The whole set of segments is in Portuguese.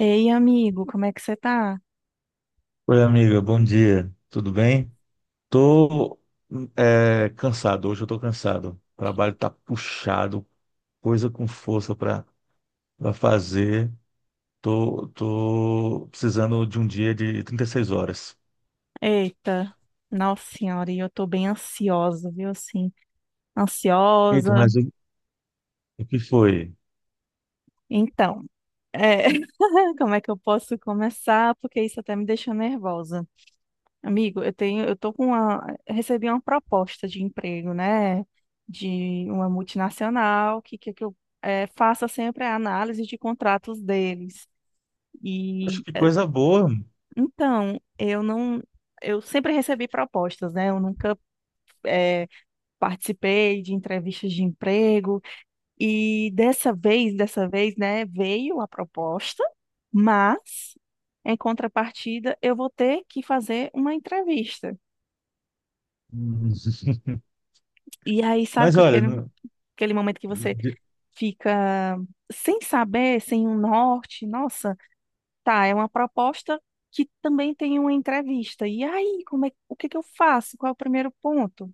Ei, amigo, como é que você tá? Oi, amiga, bom dia. Tudo bem? Tô cansado, hoje eu tô cansado. O trabalho tá puxado, coisa com força para fazer. Tô precisando de um dia de 36 horas. Eita, nossa senhora, e eu tô bem ansiosa, viu? Assim, Eita, ansiosa. mas o que foi? Então, é, como é que eu posso começar? Porque isso até me deixa nervosa. Amigo, eu tenho, eu tô com uma, recebi uma proposta de emprego, né? De uma multinacional, que eu faça sempre a análise de contratos deles. Acho E, que é, coisa boa. então, eu não, eu sempre recebi propostas, né? Eu nunca é, participei de entrevistas de emprego, e dessa vez, né, veio a proposta, mas em contrapartida eu vou ter que fazer uma entrevista. Hum. E aí, sabe, Mas com olha, aquele, aquele momento que você de- fica sem saber, sem um norte, nossa, tá, é uma proposta que também tem uma entrevista. E aí, como é, o que que eu faço? Qual é o primeiro ponto?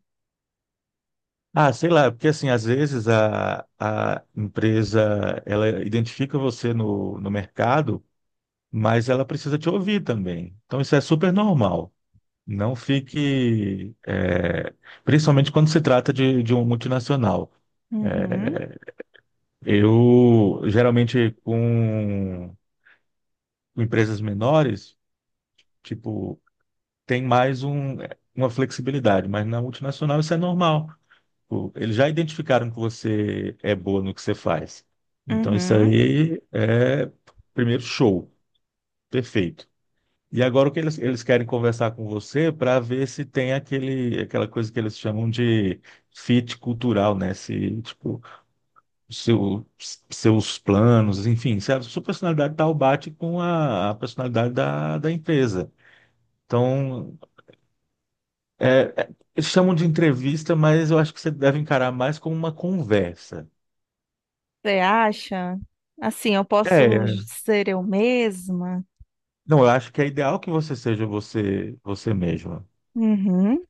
sei lá, porque assim, às vezes a empresa ela identifica você no mercado, mas ela precisa te ouvir também. Então, isso é super normal. Não fique, principalmente quando se trata de um multinacional. É, Uhum, eu, geralmente, com empresas menores, tipo, tem mais uma flexibilidade, mas na multinacional isso é normal. Tipo, eles já identificaram que você é boa no que você faz. Então, isso uhum. aí é, primeiro, show, perfeito. E agora o que eles querem conversar com você para ver se tem aquela coisa que eles chamam de fit cultural, né? Se, tipo, seu, seus planos, enfim, se a sua personalidade tal bate com a personalidade da empresa. Então, eles chamam de entrevista, mas eu acho que você deve encarar mais como uma conversa. Você acha? Assim, eu posso É, ser eu mesma? não, eu acho que é ideal que você seja você mesma, Uhum.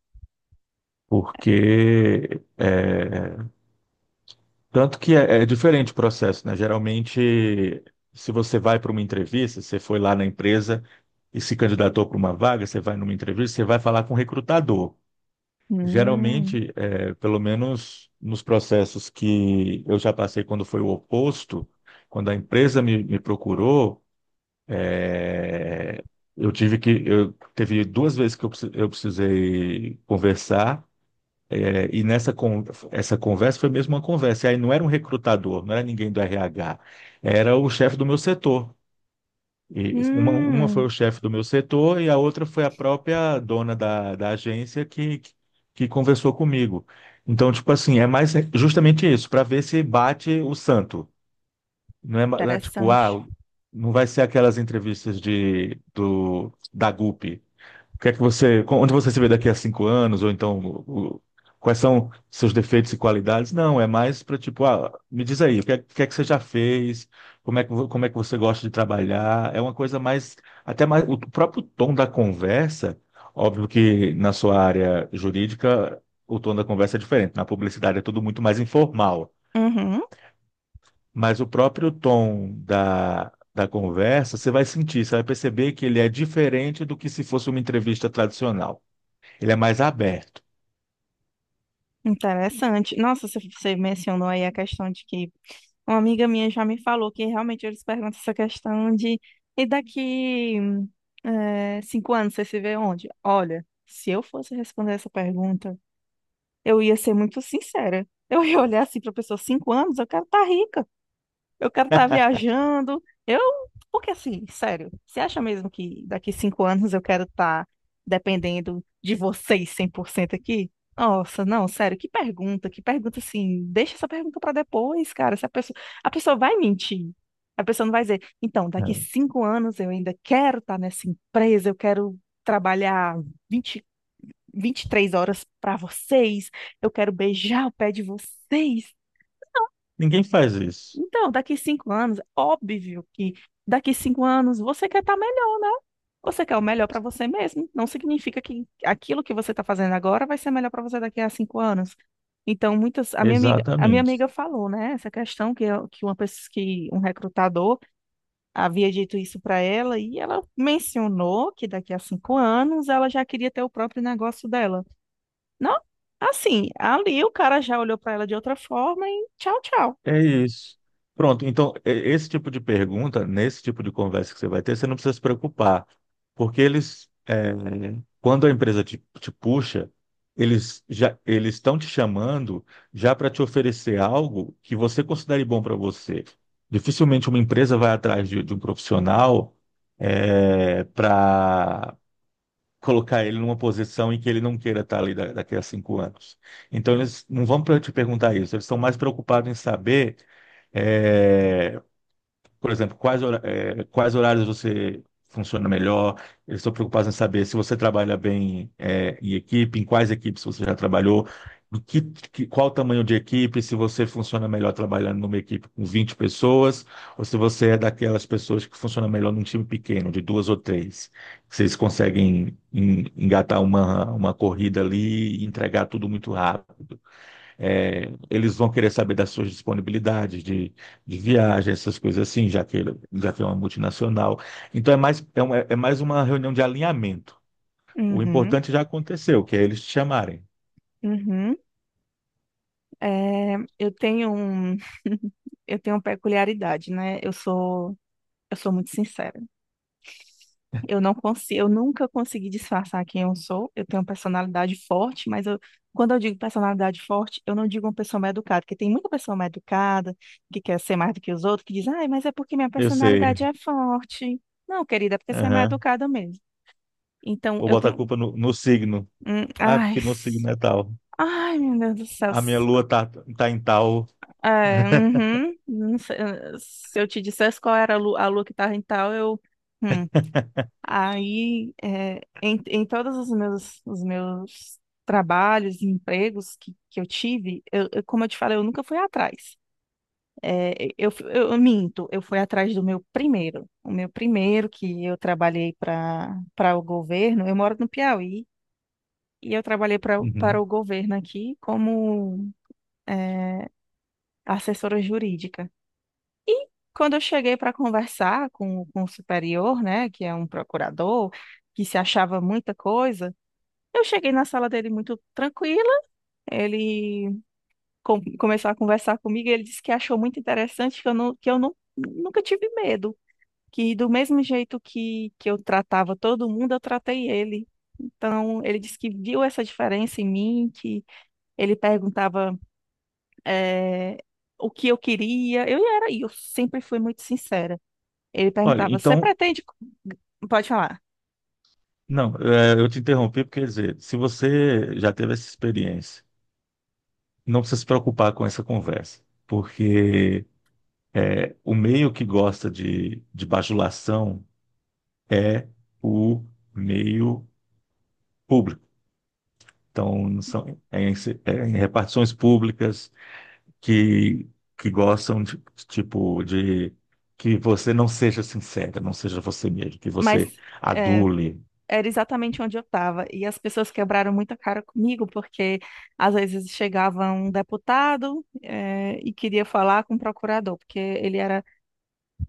porque tanto que é diferente o processo, né? Geralmente, se você vai para uma entrevista, você foi lá na empresa e se candidatou para uma vaga, você vai numa entrevista, você vai falar com o recrutador. Hum. Geralmente, pelo menos nos processos que eu já passei quando foi o oposto, quando a empresa me procurou, é, eu tive que, eu teve duas vezes que eu, precis- eu precisei conversar. É, E nessa con- essa conversa foi mesmo uma conversa. E aí não era um recrutador, não era ninguém do RH, era o chefe do meu setor. E uma foi Hum. o chefe do meu setor e a outra foi a própria dona da agência que conversou comigo. Então, tipo assim, é mais justamente isso, para ver se bate o santo. Não é tipo, Interessante. ah, não vai ser aquelas entrevistas da GUP, o que é que você, onde você se vê daqui a 5 anos, ou então o- quais são seus defeitos e qualidades? Não, é mais para tipo, ah, me diz aí, o que é que você já fez? Como é como é que você gosta de trabalhar? É uma coisa mais, até mais, o próprio tom da conversa, óbvio que na sua área jurídica o tom da conversa é diferente, na publicidade é tudo muito mais informal, Uhum. mas o próprio tom da conversa, você vai sentir, você vai perceber que ele é diferente do que se fosse uma entrevista tradicional. Ele é mais aberto. Interessante. Nossa, você mencionou aí a questão de que uma amiga minha já me falou que realmente eles perguntam essa questão de, e daqui 5 anos você se vê onde? Olha, se eu fosse responder essa pergunta, eu ia ser muito sincera. Eu ia olhar assim para a pessoa, 5 anos, eu quero estar rica. Eu quero estar viajando. Porque assim, sério, você acha mesmo que daqui 5 anos eu quero estar dependendo de vocês 100% aqui? Nossa, não, sério, que pergunta, que pergunta, assim, deixa essa pergunta para depois, cara. Se a pessoa, A pessoa vai mentir. A pessoa não vai dizer, então, daqui É. 5 anos eu ainda quero estar nessa empresa, eu quero trabalhar vinte, 23 horas para vocês, eu quero beijar o pé de vocês. Ninguém faz isso. Então, daqui cinco anos, óbvio que daqui 5 anos você quer estar melhor, né? Você quer o melhor para você mesmo. Não significa que aquilo que você está fazendo agora vai ser melhor para você daqui a 5 anos. Então, muitas, a minha amiga, a minha Exatamente. amiga falou, né? Essa questão que, que um recrutador havia dito isso para ela, e ela mencionou que daqui a 5 anos ela já queria ter o próprio negócio dela. Não, assim, ali o cara já olhou para ela de outra forma, e tchau, tchau. É isso. Pronto, então, esse tipo de pergunta, nesse tipo de conversa que você vai ter, você não precisa se preocupar, porque eles, quando a empresa te puxa, eles estão te chamando já para te oferecer algo que você considere bom para você. Dificilmente uma empresa vai atrás de um profissional, para colocar ele numa posição em que ele não queira estar ali daqui a 5 anos. Então, eles não vão te perguntar isso, eles estão mais preocupados em saber. eh, por exemplo, quais horários você funciona melhor? Eles estão preocupados em saber se você trabalha bem, em equipe, em quais equipes você já trabalhou, qual o tamanho de equipe, se você funciona melhor trabalhando numa equipe com 20 pessoas, ou se você é daquelas pessoas que funciona melhor num time pequeno, de duas ou três. Vocês conseguem engatar uma corrida ali e entregar tudo muito rápido. É, eles vão querer saber das suas disponibilidades de viagem, essas coisas assim, já que, já que é uma multinacional. Então é mais, é, uma, é é mais uma reunião de alinhamento. O Uhum, importante já aconteceu, que é eles te chamarem. uhum. É, eu tenho uma peculiaridade, né? Eu sou muito sincera. Eu não consigo, eu nunca consegui disfarçar quem eu sou. Eu tenho uma personalidade forte, quando eu digo personalidade forte, eu não digo uma pessoa mal educada, porque tem muita pessoa mal educada que quer ser mais do que os outros, que diz, ai, mas é porque minha Eu sei. personalidade é forte. Não, querida, é porque você é mal Aham. educada mesmo. Então, Vou eu botar a tenho. culpa no signo. Ah, Ai, porque meu signo é tal. ai, meu Deus do céu. A minha tá em tal. É, uhum, não sei, se eu te dissesse qual era a lua que estava em tal, eu. hum, Aí, em todos os meus trabalhos e empregos que eu tive, como eu te falei, eu nunca fui atrás. Eu minto, eu fui atrás do meu primeiro. O meu primeiro que eu trabalhei para o governo, eu moro no Piauí, e eu trabalhei para Uhum. o governo aqui como é, assessora jurídica. Quando eu cheguei para conversar com o superior, né, que é um procurador, que se achava muita coisa, eu cheguei na sala dele muito tranquila. Ele começou a conversar comigo, e ele disse que achou muito interessante que eu não, nunca tive medo. Que do mesmo jeito que eu tratava todo mundo, eu tratei ele. Então, ele disse que viu essa diferença em mim, que ele perguntava eh, o que eu queria. E eu sempre fui muito sincera. Ele Olha, perguntava: você então, pretende. Pode falar. não, eu te interrompi porque, quer dizer, se você já teve essa experiência, não precisa se preocupar com essa conversa, porque é, o meio que gosta de bajulação é o meio público. Então, é em, é em repartições públicas que, que gostam de, tipo, de que você não seja sincera, não seja você mesmo, que Mas, você eh, adule. era exatamente onde eu estava. E as pessoas quebraram muita cara comigo, porque às vezes chegava um deputado e queria falar com o procurador, porque ele era,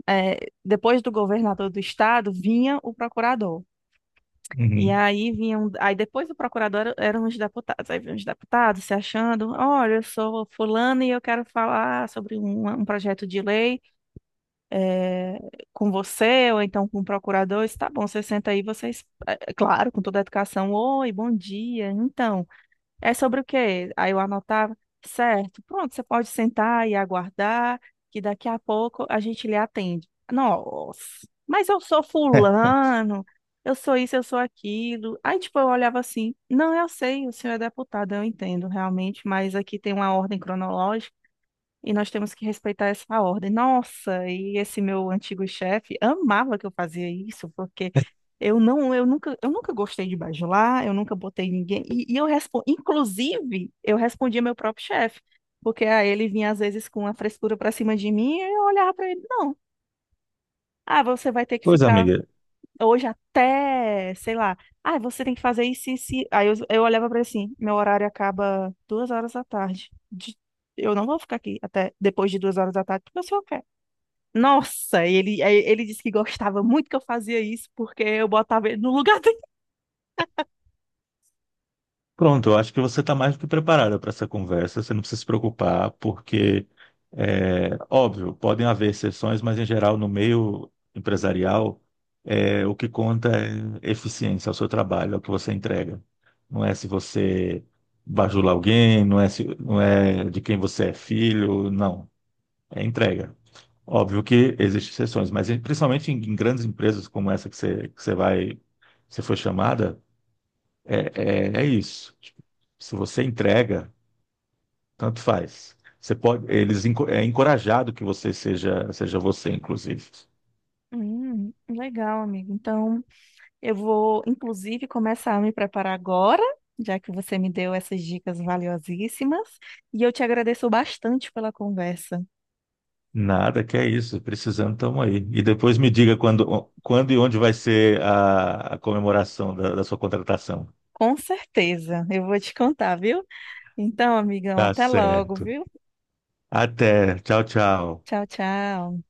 depois do governador do estado, vinha o procurador. E Uhum. aí vinham, aí depois do procurador eram os deputados, aí vinham os deputados se achando, olha, eu sou fulano e eu quero falar sobre um projeto de lei eh, com você ou então com o procurador. Isso tá bom, você senta aí, vocês, claro, com toda a educação, oi, bom dia, então, é sobre o quê? Aí eu anotava, certo, pronto, você pode sentar e aguardar, que daqui a pouco a gente lhe atende. Nossa, mas eu sou fulano, eu sou isso, eu sou aquilo. Aí, tipo, eu olhava assim, não, eu sei, o senhor é deputado, eu entendo realmente, mas aqui tem uma ordem cronológica, e nós temos que respeitar essa ordem. Nossa, e esse meu antigo chefe amava que eu fazia isso, porque eu não, eu nunca gostei de bajular, eu nunca botei ninguém. E eu respondo, inclusive, eu respondia meu próprio chefe, porque ah, ele vinha às vezes com a frescura para cima de mim, e eu olhava para ele, não. Ah, você vai ter que Pois, ficar amiga, hoje até, sei lá, ah, você tem que fazer isso e isso. Aí eu olhava pra ele assim, meu horário acaba 2 horas da tarde. Eu não vou ficar aqui até depois de 2 horas da tarde, porque o senhor quer. Nossa, e ele, aí ele disse que gostava muito que eu fazia isso, porque eu botava ele no lugar dele. pronto, eu acho que você está mais do que preparada para essa conversa, você não precisa se preocupar, porque, é, óbvio, podem haver exceções, mas em geral, no meio empresarial, é, o que conta é eficiência, é o seu trabalho, é o que você entrega. Não é se você bajula alguém, não é, se, não é de quem você é filho, não, é entrega. Óbvio que existem exceções, mas principalmente em, em grandes empresas como essa que que você vai, que você foi chamada, é isso. Tipo, se você entrega, tanto faz. Você pode, é encorajado que você seja você, inclusive. Legal, amigo. Então, eu vou, inclusive, começar a me preparar agora, já que você me deu essas dicas valiosíssimas. E eu te agradeço bastante pela conversa. Nada, que é isso. Precisando, estamos aí. E depois me diga quando e onde vai ser a comemoração da sua contratação. Com certeza, eu vou te contar, viu? Então, amigão, Tá até logo, certo. viu? Até. Tchau, tchau. Tchau, tchau.